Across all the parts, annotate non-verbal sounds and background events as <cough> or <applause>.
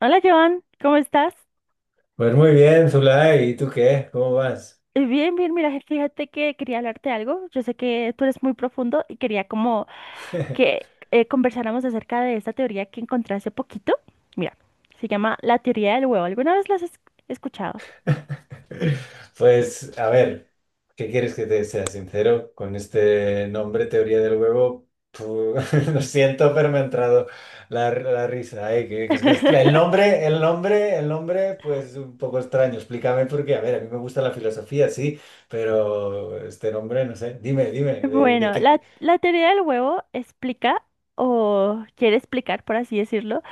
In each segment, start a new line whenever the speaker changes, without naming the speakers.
Hola Joan, ¿cómo estás?
Pues muy bien, Zulay, ¿y tú qué? ¿Cómo vas?
Bien, bien, mira, fíjate que quería hablarte de algo. Yo sé que tú eres muy profundo y quería como que
<laughs>
conversáramos acerca de esta teoría que encontré hace poquito. Mira, se llama la teoría del huevo. ¿Alguna vez escuchado?
Pues a ver, ¿qué quieres que te sea sincero? Con este nombre, teoría del huevo, <laughs> lo siento, pero me ha entrado la risa. Ay, el
<laughs>
nombre, pues un poco extraño. Explícame porque, a ver, a mí me gusta la filosofía, sí, pero este nombre, no sé. Dime, ¿de
Bueno,
qué?
la teoría del huevo explica, o quiere explicar, por así decirlo,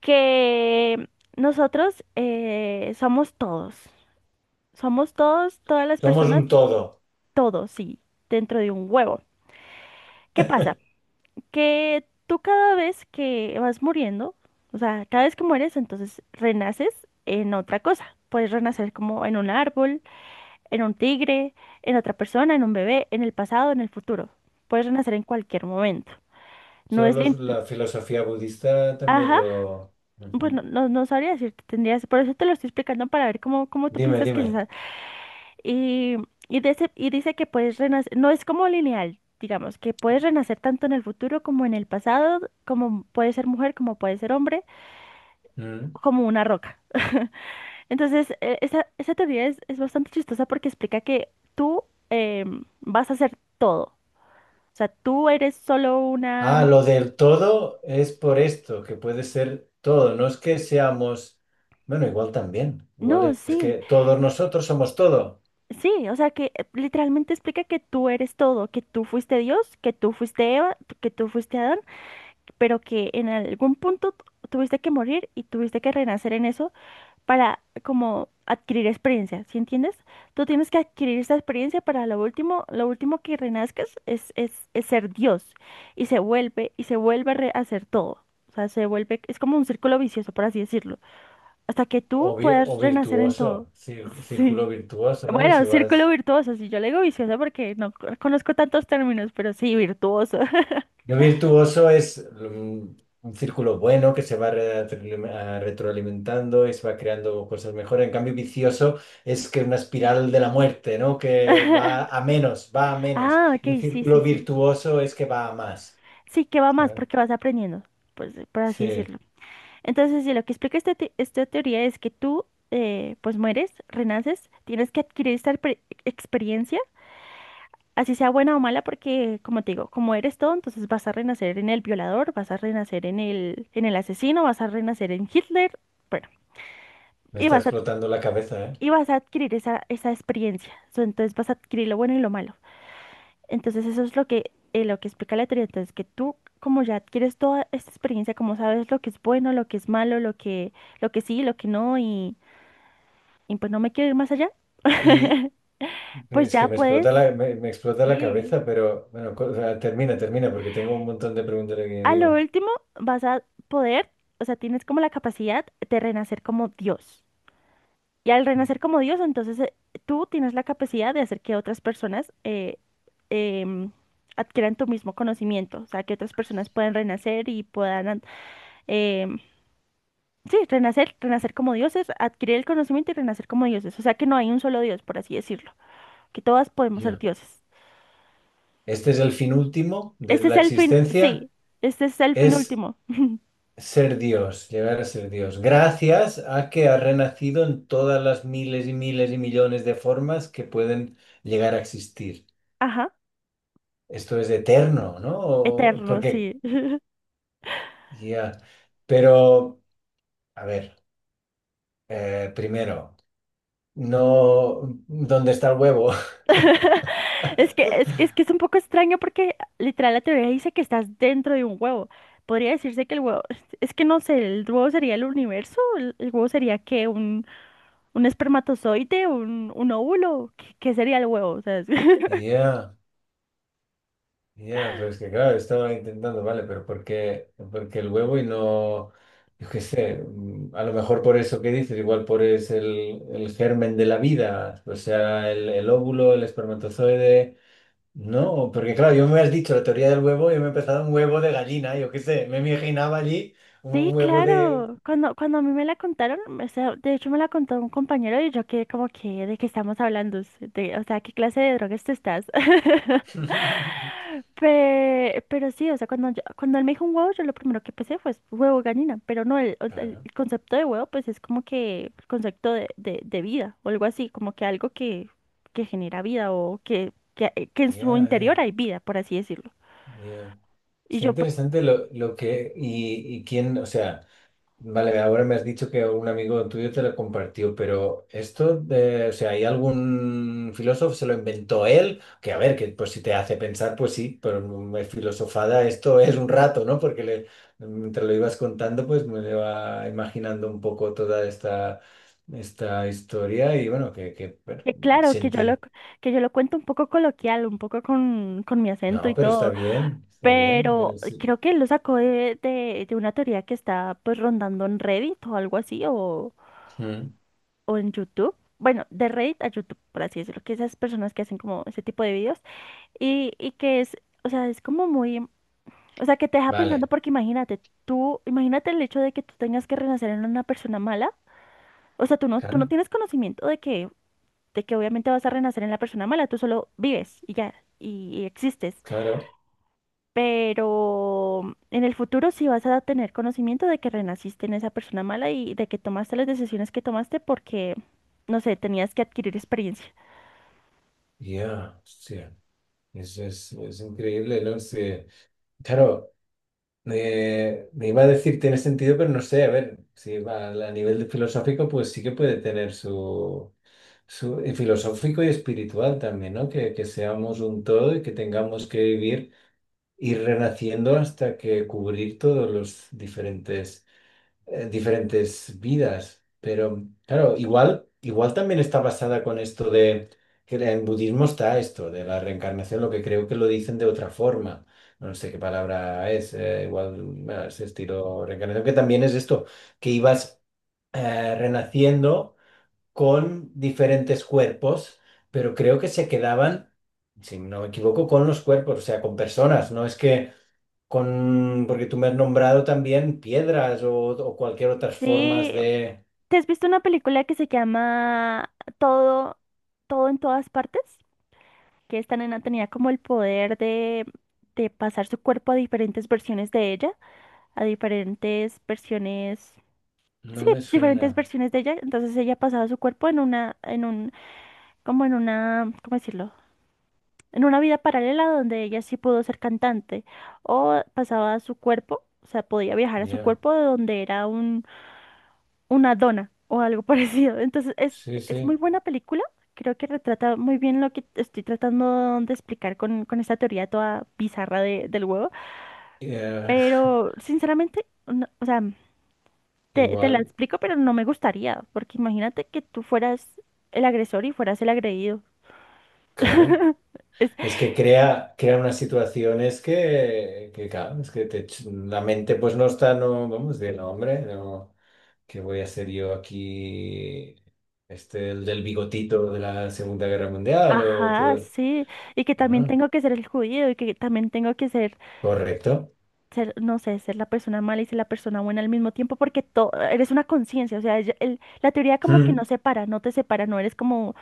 que nosotros somos todos. Somos todos, todas las
Somos
personas,
un todo.
todos, sí, dentro de un huevo. ¿Qué pasa? Que tú cada vez que vas muriendo, o sea, cada vez que mueres, entonces renaces en otra cosa. Puedes renacer como en un árbol, en un tigre, en otra persona, en un bebé, en el pasado, en el futuro. Puedes renacer en cualquier momento. No es
Solo
lineal.
la filosofía budista también
Ajá,
lo...
pues
Ujú.
no sabría decirte, tendrías, por eso te lo estoy explicando para ver cómo, cómo tú
Dime,
piensas que es
dime.
esa. Y, y dice que puedes renacer, no es como lineal, digamos, que puedes renacer tanto en el futuro como en el pasado, como puedes ser mujer, como puedes ser hombre
Mm.
como una roca. Entonces, esa teoría es bastante chistosa porque explica que tú vas a hacer todo. O sea, tú eres solo una...
Ah, lo del todo es por esto, que puede ser todo. No es que seamos, bueno, igual también.
no,
Igual es
sí,
que todos nosotros somos todo.
sí, o sea que literalmente explica que tú eres todo, que tú fuiste Dios, que tú fuiste Eva, que tú fuiste Adán, pero que en algún punto tuviste que morir y tuviste que renacer en eso para como adquirir experiencia, ¿sí entiendes? Tú tienes que adquirir esa experiencia para lo último que renazcas es ser Dios y se vuelve a a hacer todo. O sea, se vuelve, es como un círculo vicioso, por así decirlo, hasta que tú
O, o
puedas renacer en
virtuoso,
todo. <laughs>
círculo
Sí.
virtuoso, ¿no? Si
Bueno, círculo
vas.
virtuoso, sí, yo le digo vicioso porque no co- conozco tantos términos, pero sí, virtuoso.
Yo virtuoso es un, círculo bueno que se va retroalimentando y se va creando cosas mejores. En cambio, vicioso es que una espiral de la muerte, ¿no? Que va
<laughs>
a menos, va a menos.
Ah, ok,
Y un
sí, sí,
círculo
sí.
virtuoso es que va a más.
Sí, que va más
¿Sabes?
porque vas aprendiendo, pues, por así
Sí,
decirlo. Entonces, sí, lo que explica esta teoría es que tú, pues mueres, renaces, tienes que adquirir experiencia, así sea buena o mala, porque, como te digo, como eres todo, entonces vas a renacer en el violador, vas a renacer en en el asesino, vas a renacer en Hitler, bueno,
me
y
está
vas a,
explotando la cabeza, ¿eh?
y vas a adquirir esa experiencia. So, entonces vas a adquirir lo bueno y lo malo. Entonces, eso es lo que explica la teoría. Entonces, que tú, como ya adquieres toda esta experiencia, como sabes lo que es bueno, lo que es malo, lo que sí, lo que no, y pues no me quiero ir más allá,
Y
<laughs> pues
es que
ya
me
puedes,
explota me explota la
sí.
cabeza, pero bueno, o sea, termina, porque tengo un montón de preguntas aquí
A lo
encima.
último vas a poder, o sea, tienes como la capacidad de renacer como Dios. Y al renacer como Dios, entonces tú tienes la capacidad de hacer que otras personas em, adquieran tu mismo conocimiento, o sea, que otras personas puedan renacer y em, sí, renacer, renacer como dioses, adquirir el conocimiento y renacer como dioses. O sea, que no hay un solo Dios, por así decirlo, que todas podemos ser
Ya.
dioses.
Este es el fin último de
Este es
la
el fin,
existencia.
sí, este es el fin
Es
último.
ser Dios, llegar a ser Dios. Gracias a que ha renacido en todas las miles y miles y millones de formas que pueden llegar a existir.
Ajá,
Esto es eterno, ¿no?
eterno,
Porque,
sí.
ya. Pero, a ver, primero, no, ¿dónde está el huevo?
<laughs> Es que, es que,
<laughs>
es que es un poco extraño porque literal la teoría dice que estás dentro de un huevo. Podría decirse que el huevo, es que no sé, el huevo sería el universo, el huevo sería que un espermatozoide, un óvulo, ¿qué, qué sería el huevo? O sea, <laughs>
Ya. Ya, pero es que claro, estaba intentando, vale, pero ¿por qué el huevo y no, yo qué sé, a lo mejor por eso que dices, igual por es el germen de la vida, o sea, el óvulo, el espermatozoide, no, porque claro, yo me has dicho la teoría del huevo y yo me he empezado un huevo de gallina, yo qué sé, me imaginaba allí
sí,
un huevo de...
claro. Cuando, cuando a mí me la contaron, o sea, de hecho me la contó un compañero y yo quedé como que, ¿de qué estamos hablando? De, o sea, ¿qué clase de drogas te estás? <laughs>
<laughs>
Pero sí, o sea, cuando, cuando él me dijo un huevo, yo lo primero que pensé fue huevo gallina, pero no, el, o sea, el
Claro,
concepto de huevo pues es como que el concepto de vida o algo así, como que algo que genera vida o que en
ya,
su interior
ya,
hay vida, por así decirlo.
ya.
Y
Está
yo pues,
interesante lo que, quién, o sea... Vale, ahora me has dicho que un amigo tuyo te lo compartió, pero esto de, o sea, ¿hay algún filósofo se lo inventó él? Que a ver, que pues si te hace pensar, pues sí, pero me filosofada esto es un rato, ¿no? Porque le, mientras lo ibas contando, pues me iba imaginando un poco toda esta, esta historia y bueno, que bueno,
que claro,
sentido.
que yo lo cuento un poco coloquial, un poco con mi acento
No,
y
pero está
todo,
bien, está bien.
pero
Sí.
creo que lo sacó de una teoría que está pues rondando en Reddit o algo así,
Mm.
o en YouTube. Bueno, de Reddit a YouTube, por así decirlo, que esas personas que hacen como ese tipo de videos y que es, o sea, es como muy, o sea, que te deja pensando
Vale,
porque imagínate, tú, imagínate el hecho de que tú tengas que renacer en una persona mala, o sea, tú no
claro,
tienes conocimiento de que obviamente vas a renacer en la persona mala, tú solo vives y ya, y existes,
claro,
pero en el futuro sí vas a tener conocimiento de que renaciste en esa persona mala y de que tomaste las decisiones que tomaste porque, no sé, tenías que adquirir experiencia.
ya, hostia. Eso es increíble, ¿no? Sí. Claro, me iba a decir tiene sentido, pero no sé, a ver, si va a nivel de filosófico, pues sí que puede tener su, su y filosófico y espiritual también, ¿no? Que seamos un todo y que tengamos que vivir, ir renaciendo hasta que cubrir todos los diferentes diferentes vidas. Pero claro, igual, igual también está basada con esto de que en budismo está esto de la reencarnación, lo que creo que lo dicen de otra forma. No sé qué palabra es, igual bueno, es estilo reencarnación, que también es esto, que ibas renaciendo con diferentes cuerpos, pero creo que se quedaban, si no me equivoco, con los cuerpos, o sea, con personas. No es que con, porque tú me has nombrado también piedras o cualquier otras
Sí,
formas de...
¿te has visto una película que se llama Todo, Todo en todas partes? Que esta nena tenía como el poder de pasar su cuerpo a diferentes versiones de ella, a diferentes versiones,
No
sí,
me
diferentes
suena.
versiones de ella. Entonces ella pasaba su cuerpo en una, en un, como en una, ¿cómo decirlo? En una vida paralela donde ella sí pudo ser cantante o pasaba su cuerpo, o sea, podía viajar a su
Ya.
cuerpo de donde era una dona o algo <laughs> parecido. Entonces,
Sí,
es muy
sí.
buena película. Creo que retrata muy bien lo que estoy tratando de explicar con esta teoría toda bizarra del huevo.
Eh,
Pero, sinceramente, o sea,
<laughs>
te la
igual,
explico, pero no me gustaría. Porque imagínate que tú fueras el agresor y fueras el agredido.
claro.
Es,
Es que crea unas situaciones que claro, es que te la mente pues no está, no, vamos, de no, hombre, no, ¿qué voy a hacer yo aquí? Este, el del bigotito de la Segunda Guerra Mundial o
ajá,
todo.
sí. Y que también
Ah,
tengo que ser el judío y que también tengo que ser
correcto.
ser, no sé, ser la persona mala y ser la persona buena al mismo tiempo, porque eres una conciencia, o sea, la teoría como que no
Hmm.
separa, no te separa, no eres como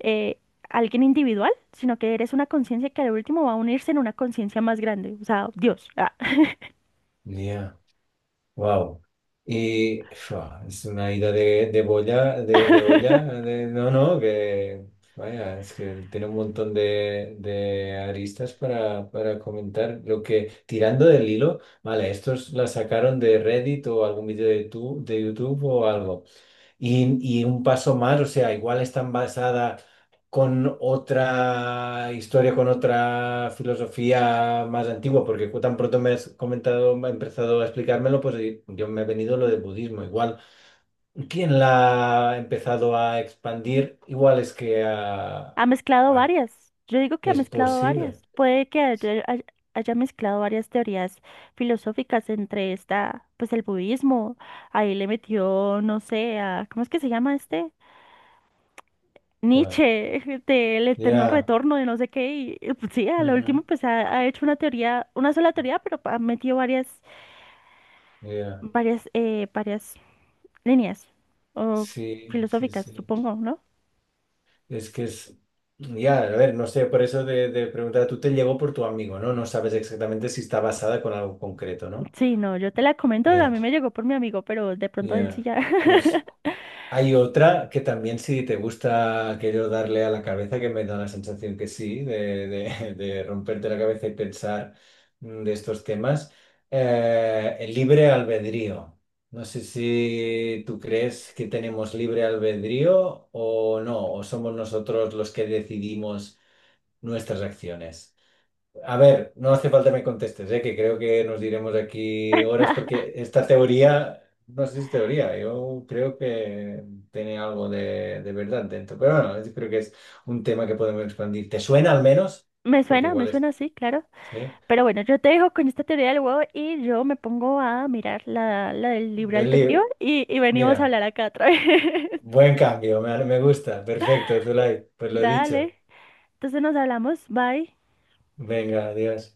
eh, alguien individual, sino que eres una conciencia que al último va a unirse en una conciencia más grande, o sea, Dios, ah,
Ya. Wow. Y fua, es una ida de boya, de olla, no, no, que vaya, es que tiene un montón de aristas para comentar. Lo que, tirando del hilo, vale, estos la sacaron de Reddit o algún vídeo de, tu, de YouTube o algo. Y un paso más, o sea, igual están basada con otra historia, con otra filosofía más antigua, porque tan pronto me has comentado, me has empezado a explicármelo, pues yo me he venido lo del budismo. Igual, ¿quién la ha empezado a expandir? Igual es que
ha mezclado
ah,
varias, yo digo que ha
es
mezclado
posible.
varias, puede que haya mezclado varias teorías filosóficas entre esta, pues el budismo, ahí le metió, no sé, a, ¿cómo es que se llama este?
¿Cuál?
Nietzsche del eterno
Ya.
retorno de no sé qué y, pues, sí, a lo último
Ujú,
pues ha, ha hecho una teoría, una sola teoría, pero ha metido varias,
ya.
varias, varias líneas o
Sí, sí,
filosóficas,
sí.
supongo, ¿no?
Es que es. Ya, a ver, no sé, por eso de preguntar, tú te llegó por tu amigo, ¿no? No sabes exactamente si está basada con algo concreto, ¿no?
Sí, no, yo te la comento, a
Ya,
mí me llegó por mi amigo, pero de pronto él sí
ya.
ya.
Pues hay otra que también, si te gusta aquello darle a la cabeza, que me da la sensación que sí, de, <laughs> de romperte la cabeza y pensar de estos temas, el libre albedrío. No sé si tú crees que tenemos libre albedrío o no, o somos nosotros los que decidimos nuestras acciones. A ver, no hace falta me contestes, ¿eh? Que creo que nos diremos aquí horas porque
<laughs>
esta teoría, no sé si es teoría, yo creo que tiene algo de verdad dentro. Pero bueno, yo creo que es un tema que podemos expandir. ¿Te suena al menos? Porque
Me
igual es...
suena, sí, claro.
¿Sí?
Pero bueno, yo te dejo con esta teoría del huevo y yo me pongo a mirar la, la del libre
Del
albedrío
libro.
y venimos a
Mira,
hablar acá otra vez. <laughs>
buen cambio, me gusta. Perfecto, Zulay. Pues lo
Dale,
dicho.
entonces nos hablamos, bye.
Venga, adiós.